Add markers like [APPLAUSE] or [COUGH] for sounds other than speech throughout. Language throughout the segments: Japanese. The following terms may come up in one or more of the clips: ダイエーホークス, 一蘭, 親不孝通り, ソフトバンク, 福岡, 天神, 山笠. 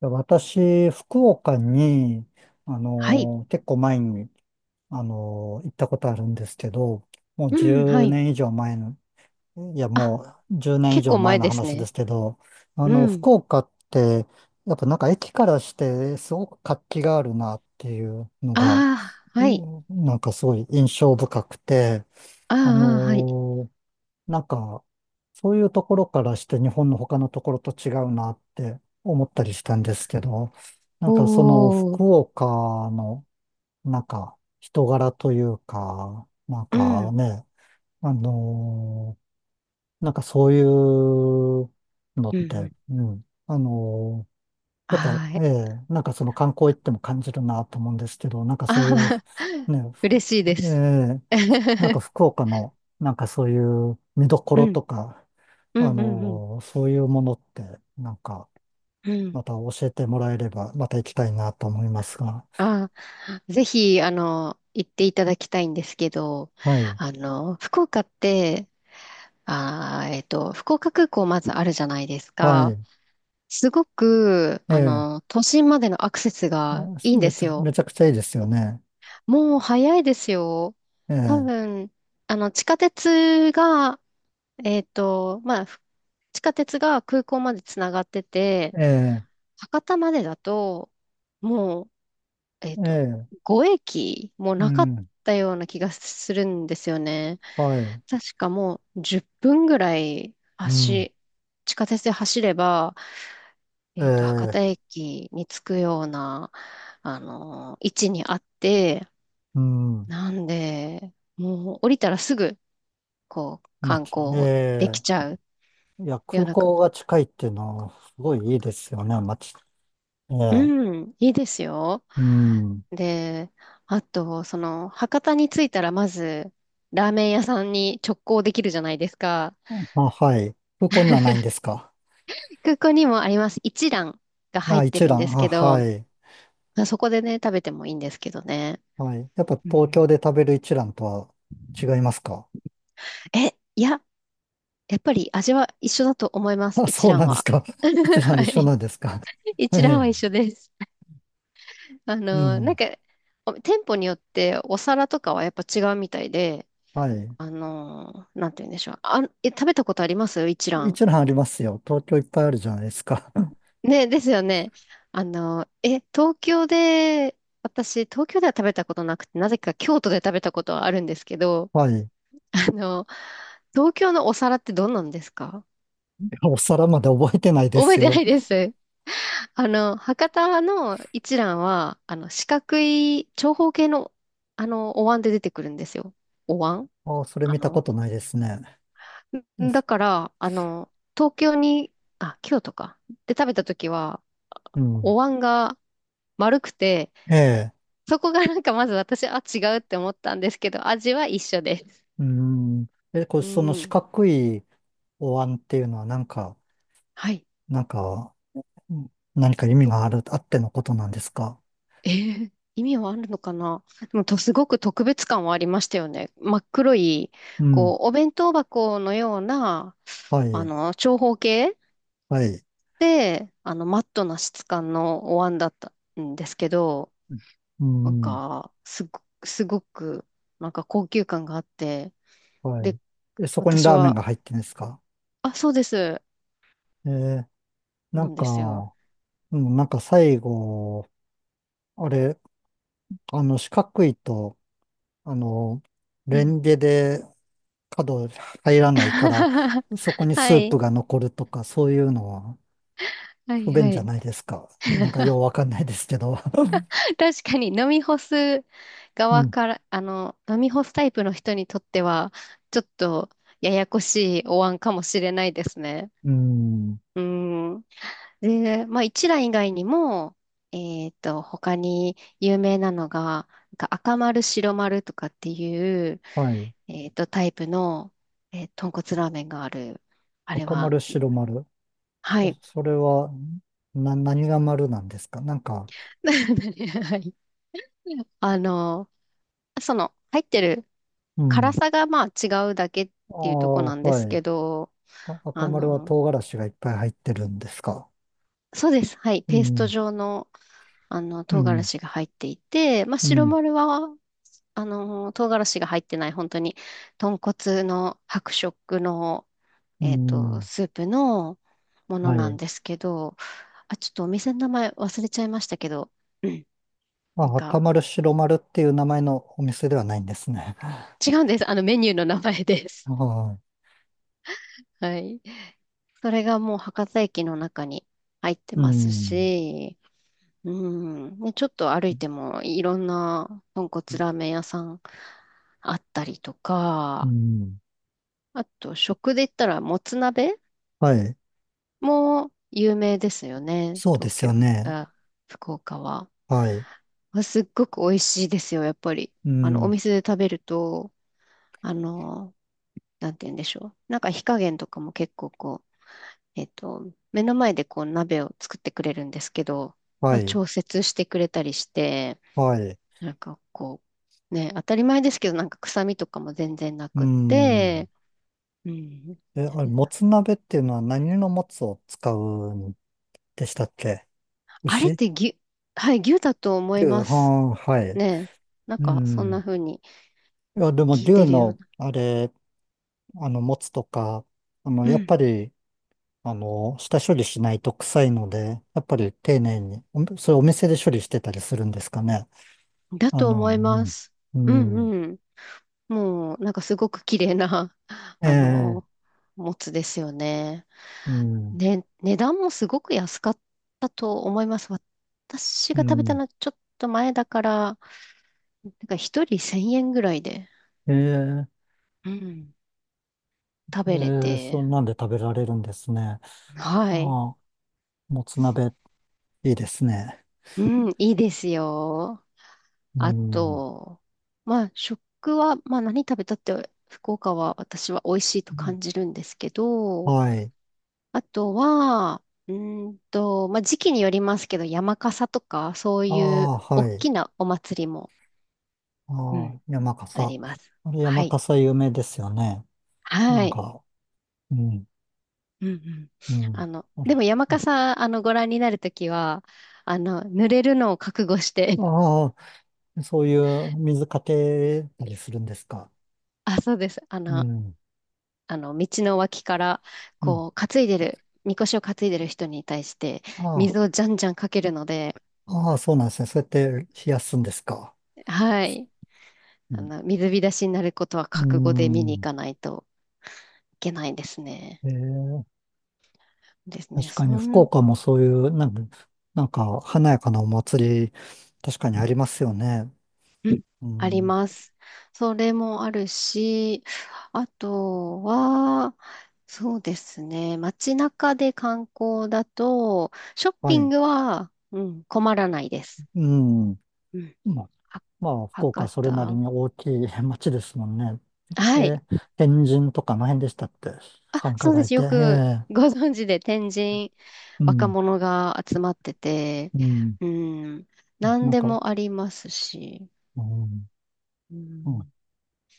私、福岡に、はい。結構前に、行ったことあるんですけど、もううん、は10い。年以上前の、いや、あ、もう1年以結上構前前のです話でね。すけど、うん。福岡って、やっぱなんか駅からしてすごく活気があるなっていうのが、ああ、うはい。んなんかすごい印象深くて、あーああー、はい。のなんか、そういうところからして日本の他のところと違うなって思ったりしたんですけど、なんおかそのー。福岡の、なんか人柄というか、なんうかん。ね、あのーなんかそういうのっうんうて、ん。うん、やっぱ、はーえい。え、なんかその観光行っても感じるなと思うんですけど、なんかそうあいう、あ、[LAUGHS] ね、嬉しいでえす。え、なんか [LAUGHS] 福岡の、なんかそういう見どこうろん。とか、うん、うん、うん。そういうものって、なんか、うん。また教えてもらえれば、また行きたいなと思いますが。ああ、ぜひ、あの、行っていただきたいんですけど、はい。あの、福岡って、ああ、えっと、福岡空港まずあるじゃないですはか。い。すごく、えあえ。の、都心までのアクセスがいいんですよ。めちゃくちゃいいですよね。もう早いですよ。え多え。分、あの、地下鉄が、えっと、まあ、ふ地下鉄が空港までつながってて、ええ。博多までだと、もう、えっえと、え。5駅もうなかっん。たような気がするんですよね。はい。確かもう10分ぐらいうん。走、地下鉄で走れば、え博多え。駅に着くような、あの、位置にあって、うん。なんで、もう降りたらすぐ、こう、観光できえちゃうえ。いや、よう空なか、港が近いっていうのは、すごいいいですよね、まち。ええ。うん、いいですよ。うん。で、あと、その、博多に着いたらまず、ラーメン屋さんに直行できるじゃないですか。あ、はい。空港にはないんですか？空港にもあります。一蘭が入っあ、て一るんで覧。すあ、けはど、い。そこでね、食べてもいいんですけどね。はい。やっぱう東ん、京で食べる一蘭とは違いますか？ え、いや、やっぱり味は一緒だと思いま [LAUGHS] す。あ、一そう蘭なんですは。か？[LAUGHS] 一 [LAUGHS] 蘭は一緒い。なんですか？[LAUGHS] え一蘭は一緒え。です。あうの、なんん。か、お店舗によってお皿とかはやっぱ違うみたいで、はい。あの、なんて言うんでしょう。あ、え、食べたことあります一蘭。一蘭ありますよ。東京いっぱいあるじゃないですか。[LAUGHS] ね、ですよね。あの、え、東京で、私、東京では食べたことなくて、なぜか京都で食べたことはあるんですけど、はい。い [LAUGHS] あの、東京のお皿ってどんなんですか？やお皿まで覚えてないで覚すえてなよ。いです。[LAUGHS] あの、博多の一蘭は、あの、四角い長方形の、あの、お椀で出てくるんですよ。お椀、ああ、それあ見たこの、とないですね。だから、あの、東京に、あ、京都か。で食べた時は、うん。お椀が丸くて、ええ。そこがなんかまず私、あ、違うって思ったんですけど、味は一緒です。うん。え、これ、うその四ん。角いお椀っていうのはなんか、はい。なんか、うん何か意味と、がある、あってのことなんですか？えー意味はあるのかな。でもと、すごく特別感はありましたよね。真っ黒い、うん。こう、お弁当箱のような、はあい。の、長方形はい。で、あの、マットな質感のお椀だったんですけど、うなんん。か、すごく、なんか高級感があって、はで、い。え、そこに私ラーメンは、が入ってんですか？あ、そうです、えーななんんですよ。か、うん、なんか最後、あれ、四角いと、あの、うレん。ンゲで角入らないから、[LAUGHS] そこにはスープい、が残るとか、そういうのははい、不は便じゃい。ないですか。なんかよう [LAUGHS] わかんないですけど。[LAUGHS] 確かに飲み干すう側ん。から、あの、飲み干すタイプの人にとっては、ちょっとややこしいお椀かもしれないですね。うん。うん。で、まあ、一蘭以外にも、他に有名なのが、なんか赤丸、白丸とかっていう、はい。タイプの、えー豚骨ラーメンがある。あれ赤は、丸、白丸。はい。それは、何が丸なんですか？なんか、[LAUGHS] はい。あの、その、入ってるう辛ん。さがまあ違うだけっあていうとこあ、なんですはい。けど、あ、赤あ丸はの、唐辛子がいっぱい入ってるんですか？そうです。はい。うペーストん、状のあの、う唐辛ん、子が入っていて、まあ、う白ん、丸は、あの、唐辛子が入ってない、本当に、豚骨の白色の、うん。スープのものはなんい。ですけど、あ、ちょっとお店の名前忘れちゃいましたけど、うん、なんあ、赤か、丸、白丸っていう名前のお店ではないんですね。[LAUGHS] 違うんです。あの、メニューの名前です。は [LAUGHS] はい。それがもう博多駅の中に入ってい。うますん、し、うん、ね、ちょっと歩いてもいろんな豚骨ラーメン屋さんあったりとうか、ん。あと、食で言ったら、もつ鍋はい。も有名ですよね。そうで東すよ京、ね。あ、福岡は。はい。あすっごく美味しいですよ、やっぱり。うあの、おん、店で食べると、あの、なんて言うんでしょう。なんか火加減とかも結構こう、目の前でこう鍋を作ってくれるんですけど、まはあ、い、調節してくれたりして、はい。なんかこう、ね、当たり前ですけど、なんか臭みとかも全然なうくっん。て、うん。え、あれ、もつ鍋っていうのは何のもつを使うんでしたっけ？あれっ牛て牛、はい、牛だと思い牛、ますあ、はい。ね。なんうか、そんなん。風にいや、でも聞い牛てるようの、な。あれ、持つとか、うやっん。ぱり、下処理しないと臭いので、やっぱり丁寧に、おそれお店で処理してたりするんですかね。だあとの、思います。ううん、うんん、うん。もう、なんかすごく綺麗な、[LAUGHS] えあえ、の、もつですよね。うん、ね、値段もすごく安かったと思います。私うが食べたのん、はちょっと前だから、なんか一人1000円ぐらいで、ええ、うん、食べれええ、そて、んなんで食べられるんですね。はい。ああ、もつ鍋、いいですね。うん、いいですよ。うあん、と、まあ、食は、まあ、何食べたって、福岡は私は美味しいと感じるんですけど、はい。あとは、うーんと、まあ、時期によりますけど、山笠とか、そうあいうあ、大はい。きなお祭りも、あうん。あ、山あ笠。ります。あれ、は山い。笠有名ですよね。なはんい。か、うん、うんうん。うん。あの、あでれ、も山笠、あの、ご覧になるときは、あの、濡れるのを覚悟して、ああ、そういう水かけたりするんですか？[LAUGHS] あ、そうです。あうの、ん。あの、道の脇から、うん。こう、担いでる、みこしを担いでる人に対して、あ水をじゃんじゃんかけるので、あ、ああ、そうなんですね。そうやって冷やすんですか？はい。うあん。の、水浸しになることはう覚悟で見に行ん、かないといけないですね。ええ、ですね。確かに福岡もそういう、なんか、なんか華やかなお祭り、確かにありますよね。うん、うありん。ます。それもあるし、あとは、そうですね。街中で観光だと、ショッはピンい。グは、うん、困らないです。うん。うん。まあ、はまあ、福岡は博それなり多。に大きい [LAUGHS] 町ですもんね。えはい。ー天神とかの辺でしたって、あ、繁華そうで街っす。て。よえくごえ、存知で天神、う若ん。者が集まってて、うん。うん、何なんでか、もありますし、うん、ううん、ん、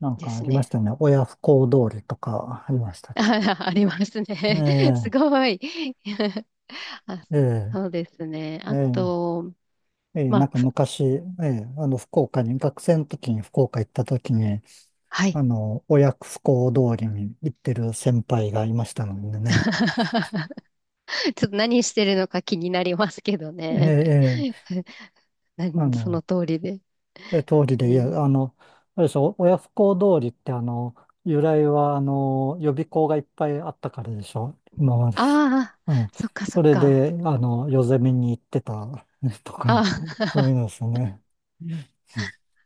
なんでかあすりましね。たね。親不孝通りとかありました [LAUGHS] っけ？あ、ありますえね。[LAUGHS] すえ、ごい。[LAUGHS] あ、ええ、そうですね。えあえ、と、ええまなんあ、かふ昔、ええ、福岡に、学生の時に福岡行った時に、はい。親不孝通りに行ってる先輩がいましたので [LAUGHS] ね。ちょっと何してるのか気になりますけどええ、ね。ええ [LAUGHS] 何あそのの、通りで。え、通りうで言ん、う、あれでしょ、親不孝通りって由来は予備校がいっぱいあったからでしょ、今まで。ああ、うん。そっかそそっれか。で、夜攻めに行ってた [LAUGHS] とか、あそういうあ、 のですね。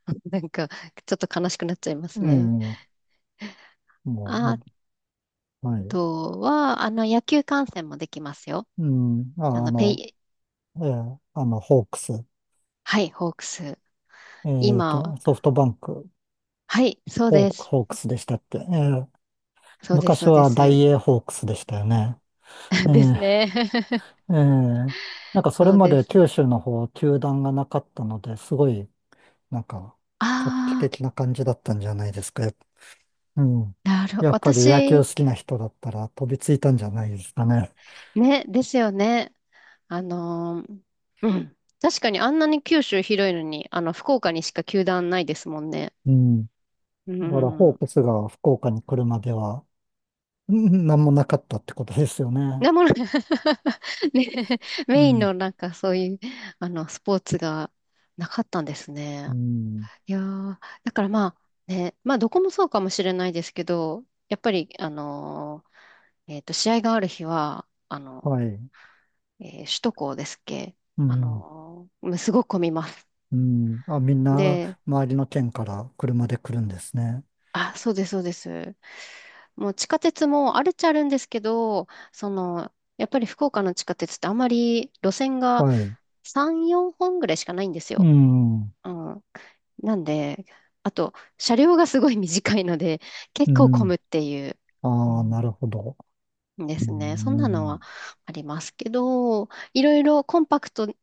[LAUGHS] なんか、ちょっと悲しくなっちゃいますうね。ん。もあうはい。とは、あの、野球観戦もできますよ。うん。ああ、の、ペイ、ホークス。はい、ホークス。今、ソフトバンク、はい、そうです。ホークスでしたっけ？そうです、昔そうではダイす。エーホークスでしたよね。[LAUGHS] えですーね。[LAUGHS] ええ、なんかそれそうまでで九す。州の方、球団がなかったので、すごい、なんか、画期あ的な感じだったんじゃないですか？うん。あ、なるほど。やっぱり野球好私、きな人だったら飛びついたんじゃないですかね。ね、ですよね。あのー、うん。確かにあんなに九州広いのに、あの、福岡にしか球団ないですもんね。うん。うだから、ホーん。クスが福岡に来るまでは、うんなんもなかったってことですよね。なもの、[LAUGHS] ね、うメインん。のなんかそういう、あの、スポーツがなかったんですね。うん。いやー、だからまあ、ね、まあどこもそうかもしれないですけど、やっぱり、えっと、試合がある日は、あの、はい。えー首都高ですっけ、うあん。のー、もうすごく混みます。うん。あ、みんな、で、周りの県から車で来るんですね。あ、そうです、そうです。もう地下鉄もあるっちゃあるんですけど、その、やっぱり福岡の地下鉄ってあまり路線がはい。3、4本ぐらいしかないんですうよ。ん。うん。なんで、あと、車両がすごい短いので、[LAUGHS] う結構混ん。むっていう。うああ、なん、るほど。でうすね。そんなのん。はありますけど、いろいろコンパクト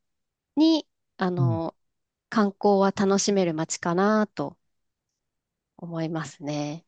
に、あうん。の、観光は楽しめる街かなと思いますね。